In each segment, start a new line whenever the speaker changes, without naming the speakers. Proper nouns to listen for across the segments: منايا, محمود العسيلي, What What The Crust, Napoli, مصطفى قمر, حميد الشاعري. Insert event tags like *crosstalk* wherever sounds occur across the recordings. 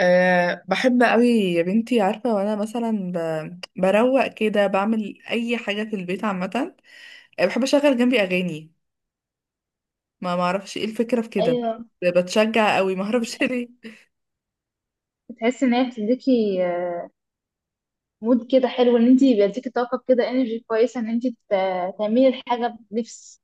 بحب قوي يا بنتي، عارفة، وانا مثلا بروق كده بعمل اي حاجة في البيت عامة. بحب اشغل جنبي اغاني. ما معرفش ايه الفكرة في كده.
ايوه.
بتشجع قوي، ما اعرفش *laughs*
بتح-
ليه.
بتحسي ان هي بتديكي مود كده حلو، ان انت بيديكي طاقه كده، انرجي كويسه ان انت تعملي الحاجه بنفس.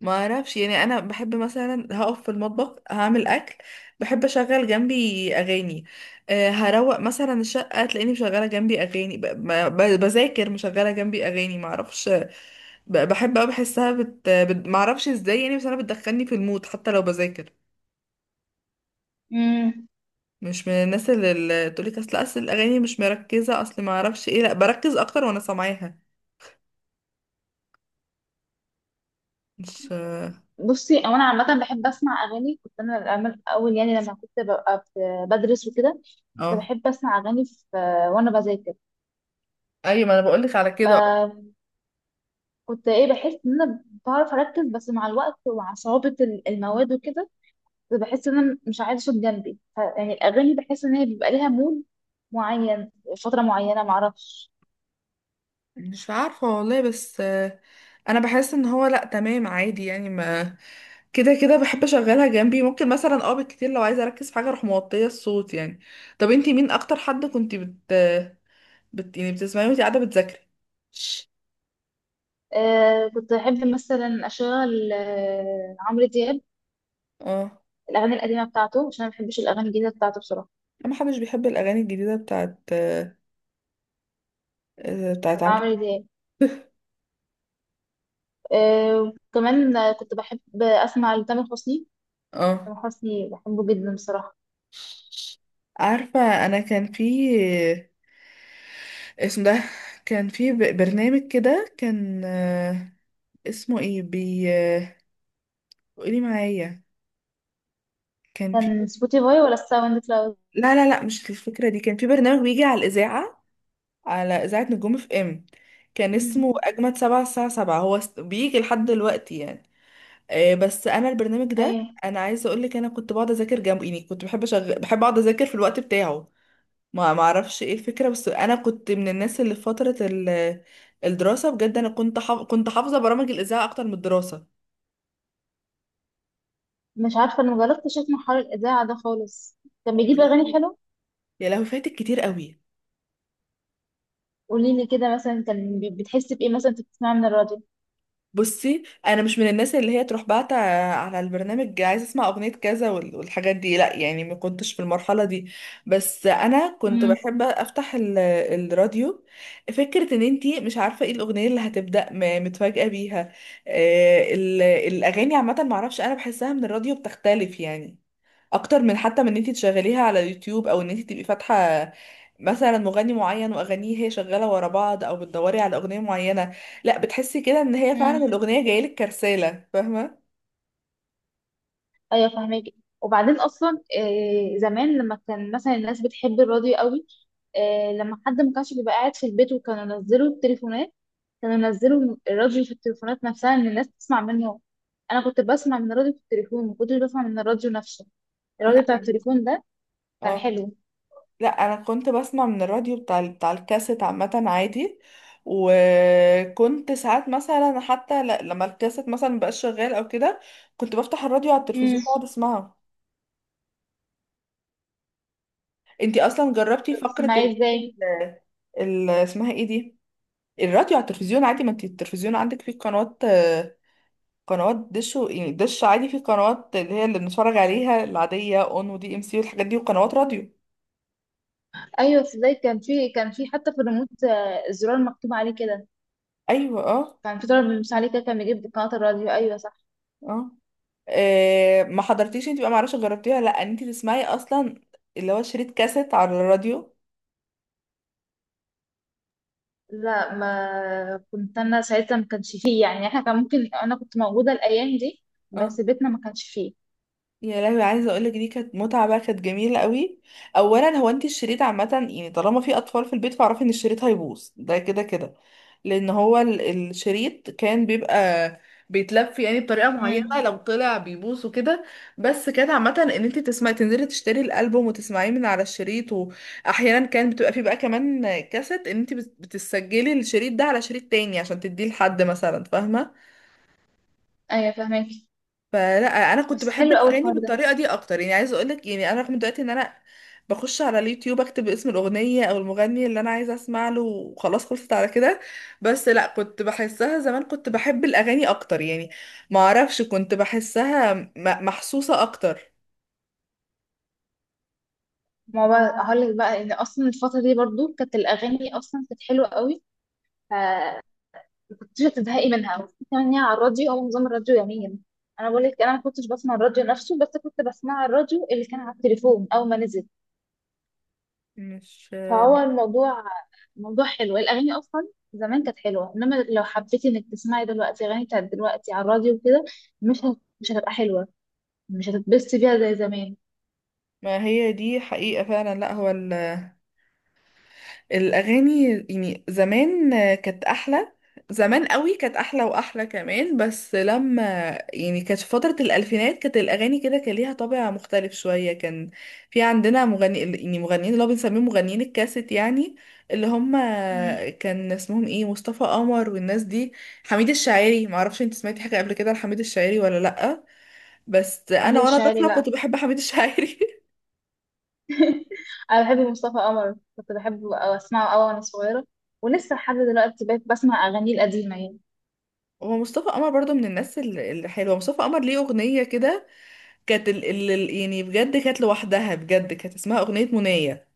ما اعرفش، يعني انا بحب مثلا هقف في المطبخ هعمل اكل. بحب اشغل جنبي اغاني. هروق مثلا الشقة، تلاقيني مشغلة جنبي اغاني، بذاكر مشغلة جنبي اغاني، ما اعرفش. بحب قوي، بحسها ما اعرفش ازاي، يعني بس انا بتدخلني في المود حتى لو بذاكر.
امم
مش من الناس اللي تقولك اصل الاغاني مش مركزه، اصل ما اعرفش ايه. لا، بركز اكتر وانا سامعاها. مش...
بصي، او انا عامه بحب اسمع اغاني. كنت انا الأعمال- اول يعني لما كنت بدرس وكده، كنت
اه،
بحب اسمع اغاني في آه، وانا بذاكر.
ايوه، ما انا بقولك على كده.
آه، كنت بحس ان انا بعرف اركز، بس مع الوقت ومع صعوبه المواد وكده كنت بحس ان انا مش عايزه صوت جنبي، يعني الاغاني بحس ان هي بيبقى ليها مود معين، فتره معينه، معرفش.
مش عارفه والله. بس انا بحس ان هو لا، تمام عادي، يعني ما... كده كده بحب اشغلها جنبي، ممكن مثلا بالكتير لو عايزه اركز في حاجه اروح موطيه الصوت يعني. طب انتي مين اكتر حد كنتي يعني بتسمعي وانتي قاعده بتذاكري؟
آه، كنت أحب مثلا أشغل آه عمرو دياب،
اه،
الأغاني القديمة بتاعته، عشان أنا ما بحبش الأغاني الجديدة بتاعته بصراحة.
ما حدش بيحب الاغاني الجديده بتاعت
بتاعت
عمرو.
عمرو دياب. آه وكمان كنت بحب أسمع لتامر حسني.
اه،
تامر حسني بحبه جدا بصراحة.
عارفة. أنا كان في... اسم ده... كان في برنامج كده كان اسمه ايه بي آه، قولي معايا، كان في...
كان سبوتيفاي ولا الساوند كلاود؟
لا لا لا، مش الفكرة دي. كان في برنامج بيجي على الإذاعة، على إذاعة نجوم FM. كان
مم.
اسمه أجمد 7 الساعة 7، هو بيجي لحد دلوقتي يعني. بس أنا البرنامج
*laughs*
ده...
أيوة.
أنا عايزة أقولك، أنا كنت بقعد أذاكر جنبه يعني، كنت بحب أقعد أذاكر في الوقت بتاعه. ما اعرفش ايه الفكره، بس انا كنت من الناس اللي في فتره الدراسه، بجد انا كنت حافظه برامج الاذاعه اكتر من الدراسه.
مش عارفة، أنا مجربتش أسمع حوار الإذاعة ده خالص. كان
يا
بيجيب أغاني
لهوي،
حلوة.
يا لهوي فاتك كتير قوي.
قوليلي كده مثلا، كان بتحس بإيه مثلا أنت بتسمعها من الراديو؟
بصي، انا مش من الناس اللي هي تروح باعتة على البرنامج عايزه اسمع اغنيه كذا والحاجات دي، لا يعني ما كنتش في المرحله دي. بس انا كنت
مم.
بحب افتح الراديو. فكره ان انتي مش عارفه ايه الاغنيه اللي هتبدا متفاجئه بيها. الاغاني عامه ما اعرفش، انا بحسها من الراديو بتختلف يعني، اكتر من، حتى من ان انت تشغليها على يوتيوب او ان انت تبقي فاتحه مثلا مغني معين واغانيه هي شغاله ورا بعض، او بتدوري على اغنيه معينه. لا، بتحسي كده ان هي فعلا
مم.
الاغنيه جايلك كرساله، فاهمه؟
ايوه فاهمك. وبعدين اصلا زمان لما كان مثلا الناس بتحب الراديو قوي، لما حد ما كانش بيبقى قاعد في البيت، وكانوا ينزلوا التليفونات، كانوا ينزلوا الراديو في التليفونات نفسها ان الناس تسمع منه. انا كنت بسمع من الراديو في التليفون، ما كنتش بسمع من الراديو نفسه.
لا،
الراديو بتاع التليفون ده كان
اه.
حلو.
لا، انا كنت بسمع من الراديو بتاع الكاسيت عامه عادي. وكنت ساعات مثلا حتى لما الكاسيت مثلا مبقاش شغال او كده، كنت بفتح الراديو على
امم.
التلفزيون واقعد اسمعه. انتي اصلا جربتي فقره
بتسمعيه ازاي؟
اسمها ايه دي، الراديو على التلفزيون؟ عادي، ما انت التلفزيون عندك فيه قنوات، قنوات دش يعني دش عادي فيه قنوات اللي هي اللي بنتفرج عليها العادية، اون ودي ام سي والحاجات دي، وقنوات راديو.
ايوه، ازاي؟ كان في، كان في حتى في الريموت الزرار مكتوب عليه كده.
ايوه، اه.
كان في زرار بيمشي عليه كده كان بيجيب قناة الراديو، ايوه.
اه، ما حضرتيش انت بقى، معرفش جربتيها ولا لا، ان انت تسمعي اصلا اللي هو شريط كاسيت على الراديو؟
لا، ما كنت انا ساعتها ما كانش فيه، يعني احنا كان ممكن انا كنت موجوده الايام دي،
اه
بس بيتنا ما كانش فيه.
يا لهوي، عايزه اقولك دي كانت متعه بقى، كانت جميله قوي. اولا هو انت الشريط عامه يعني، طالما في اطفال في البيت فاعرفي ان الشريط هيبوظ ده كده كده. لان هو الشريط كان بيبقى بيتلف يعني بطريقه معينه،
امم.
لو طلع بيبوظ وكده. بس كانت عامه ان انت تسمعي تنزلي تشتري الالبوم وتسمعيه من على الشريط، واحيانا كان بتبقى فيه بقى كمان كاسيت، ان انت بتسجلي الشريط ده على شريط تاني عشان تديه لحد مثلا، فاهمه؟
ايوه فاهمك.
فلا، انا كنت
بس
بحب
حلو قوي
الاغاني
الحوار ده.
بالطريقه دي اكتر يعني، عايزه اقول لك يعني انا رغم دلوقتي ان انا بخش على اليوتيوب اكتب اسم الاغنيه او المغني اللي انا عايزه اسمع له وخلاص، خلصت على كده. بس لا، كنت بحسها زمان كنت بحب الاغاني اكتر يعني. ما اعرفش، كنت بحسها محسوسه اكتر.
ما هو بقى هقول لك بقى ان اصلا الفتره دي برضو كانت الاغاني اصلا كانت حلوه قوي، فما كنتش هتزهقي منها. وفي كمان هي على الراديو، هو نظام الراديو يمين؟ انا بقول لك انا ما كنتش بسمع الراديو نفسه، بس كنت بسمع الراديو اللي كان على التليفون اول ما نزل.
مش...
فهو الموضوع موضوع حلو. الأغاني أصلا زمان كانت حلوة، إنما لو حبيتي إنك تسمعي دلوقتي أغاني بتاعت دلوقتي على الراديو وكده، مش هتبقى حلوة، مش هتتبسطي بيها زي زمان.
ما هي دي حقيقه فعلا، لا هو الأغاني يعني زمان كانت أحلى، زمان قوي كانت أحلى وأحلى كمان، بس لما يعني كانت في فترة الألفينات كانت الأغاني كده، كان ليها طابع مختلف شوية. كان في عندنا مغني يعني مغنيين اللي هو بنسميهم مغنيين الكاسيت يعني، اللي هم
مم.
كان اسمهم ايه، مصطفى قمر والناس دي. حميد الشاعري، معرفش انت سمعتي حاجة قبل كده لحميد الشاعري ولا لأ؟ بس
حميد
أنا وأنا
الشاعري،
طفلة
لا.
كنت بحب حميد الشاعري.
*laughs* أنا بحب مصطفى قمر، كنت بحبه أو أسمعه أوي وأنا صغيرة، ولسه لحد دلوقتي بقيت بسمع أغانيه القديمة يعني.
*laughs* هو مصطفى قمر برضو من الناس الحلوة، مصطفى قمر ليه أغنية كده، كانت يعني بجد كانت لوحدها، بجد كانت اسمها أغنية منية.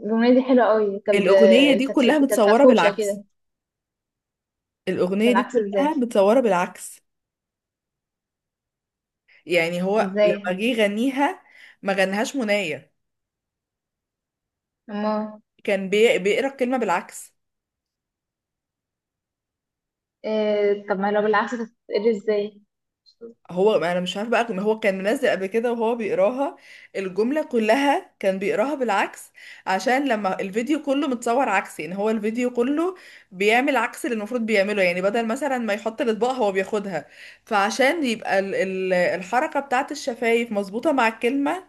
الأغنية دي حلوة أوي،
الأغنية دي كلها
كانت
متصورة
فرفوشة
بالعكس.
كده.
الأغنية دي
بالعكس إزاي؟
كلها متصورة بالعكس. يعني هو
إزاي؟
لما جه يغنيها، ما غنهاش منية.
أما
كان بيقرا الكلمة بالعكس.
إيه... طب ما لو بالعكس تتقري إزاي؟
هو، ما انا مش عارفه بقى، هو كان منزل قبل كده وهو بيقراها، الجمله كلها كان بيقراها بالعكس. عشان لما الفيديو كله متصور عكسي يعني، هو الفيديو كله بيعمل عكس اللي المفروض بيعمله، يعني بدل مثلا ما يحط الاطباق هو بياخدها. فعشان يبقى ال ال الحركه بتاعت الشفايف مظبوطه مع الكلمه،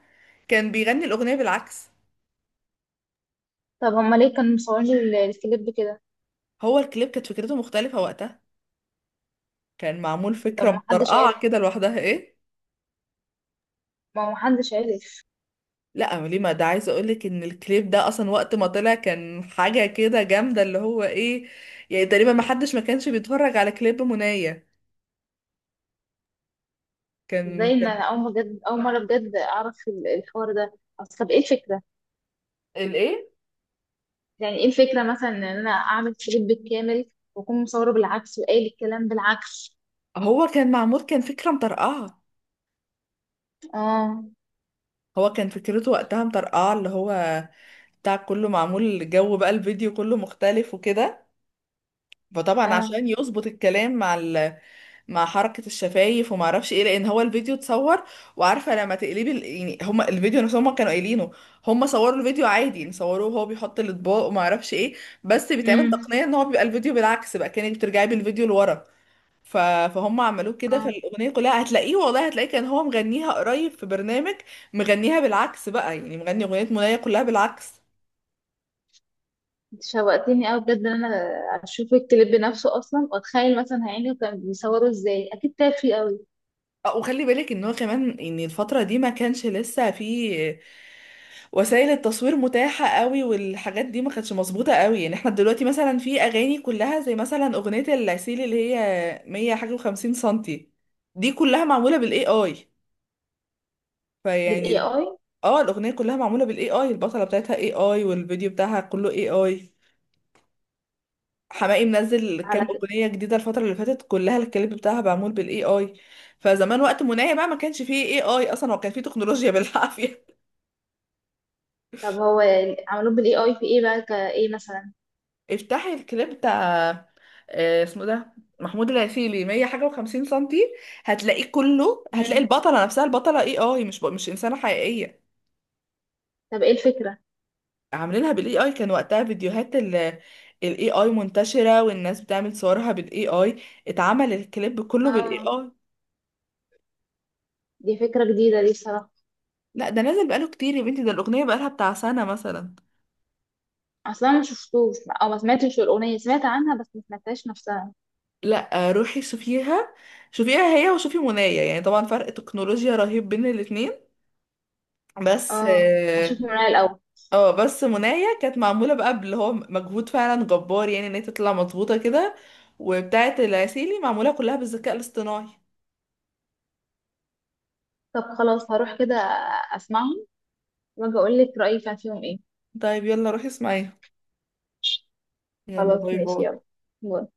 كان بيغني الاغنيه بالعكس.
طب هما ليه كانوا مصورين الكليب كده؟
هو الكليب كانت فكرته مختلفه وقتها، كان معمول
طب
فكره
ما حدش عارف.
مطرقعه كده لوحدها ايه.
ما هو ما حدش عارف.
لا ليه، ما ده عايزه اقولك ان الكليب ده اصلا وقت ما طلع كان حاجه كده جامده اللي هو ايه، يعني تقريبا ما حدش ما كانش بيتفرج على كليب منايا. كان
ازاي، ان
كان
انا اول بجد، اول مره بجد اعرف الحوار ده. اصل طب ايه الفكره؟
الايه؟
يعني ايه الفكره مثلا ان انا اعمل كليب كامل واكون مصوره بالعكس وقايل الكلام بالعكس؟
هو كان معمول كان فكره مطرقعه.
اه.
هو كان فكرته وقتها مطرقعه اللي هو بتاع كله معمول، الجو بقى الفيديو كله مختلف وكده. فطبعا
اه.
عشان يظبط الكلام مع مع حركة الشفايف وما اعرفش ايه، لان هو الفيديو اتصور. وعارفة لما تقلبي يعني هما الفيديو نفسهم هما كانوا قايلينه، هما صوروا الفيديو عادي يعني، صوروه وهو بيحط الاطباق وما اعرفش ايه، بس بيتعمل
امم.
تقنية ان هو بيبقى الفيديو بالعكس بقى، كانك بترجعي بالفيديو لورا. فهم عملوه كده،
اه،
فالاغنية كلها هتلاقيه والله هتلاقيه، كان هو مغنيها قريب في برنامج، مغنيها بالعكس بقى يعني، مغني اغنية منايا كلها بالعكس.
انت شوقتني قوي بجد ان انا اشوف الكليب نفسه اصلا، واتخيل مثلا هيعملوا كان بيصوروا ازاي، اكيد تعب فيه قوي.
وخلي بالك ان هو كمان ان الفترة دي ما كانش لسه في وسائل التصوير متاحة قوي والحاجات دي ما كانتش مظبوطة قوي، يعني احنا دلوقتي مثلا في اغاني كلها زي مثلا اغنية العسيل اللي هي 100 حاجة و50 سنتي، دي كلها معمولة بالاي اي. فيعني
بالاي اي؟
الاغنية كلها معمولة بالاي اي، البطلة بتاعتها اي اي، والفيديو بتاعها كله اي اي. حماقي منزل كام
على كده.
اغنيه جديده الفتره اللي فاتت، كلها الكليب بتاعها معمول بالاي اي. فزمان وقت منايا بقى ما كانش فيه اي اي اصلا، هو كان فيه تكنولوجيا بالعافيه.
طب هو عملوه بالاي اي في ايه بقى، كايه مثلا؟
*laughs* افتحي الكليب بتاع اسمه ده، محمود العسيلي 100 حاجه و50 سنتي. هتلاقيه كله، هتلاقي البطله نفسها، البطله اي اي، مش انسانه حقيقيه.
طب ايه الفكرة؟
عاملينها بالاي اي، كان وقتها فيديوهات الاي اي منتشره والناس بتعمل صورها بالاي اي، اتعمل الكليب كله بالاي
اه،
اي.
دي فكرة جديدة دي الصراحة.
لا، ده نازل بقاله كتير يا بنتي، ده الاغنيه بقالها بتاع سنه مثلا.
اصلا ما شفتوش، او ما سمعتش الاغنية، سمعت عنها بس ما سمعتهاش نفسها.
لا، روحي شوفيها، شوفيها هي وشوفي منايا، يعني طبعا فرق تكنولوجيا رهيب بين الاتنين، بس
اه، هشوف
اه.
من رأيي الاول.
بس منايا كانت معمولة بقى اللي هو مجهود فعلا جبار يعني، ان هي تطلع مظبوطة كده، وبتاعة العسيلي معمولة كلها بالذكاء الاصطناعي.
طب خلاص هروح كده اسمعهم، واجي اقول لك رأيي كان فيهم ايه.
طيب، يلا روحي اسمعيها، يلا
خلاص
باي
ماشي،
باي.
يلا باي.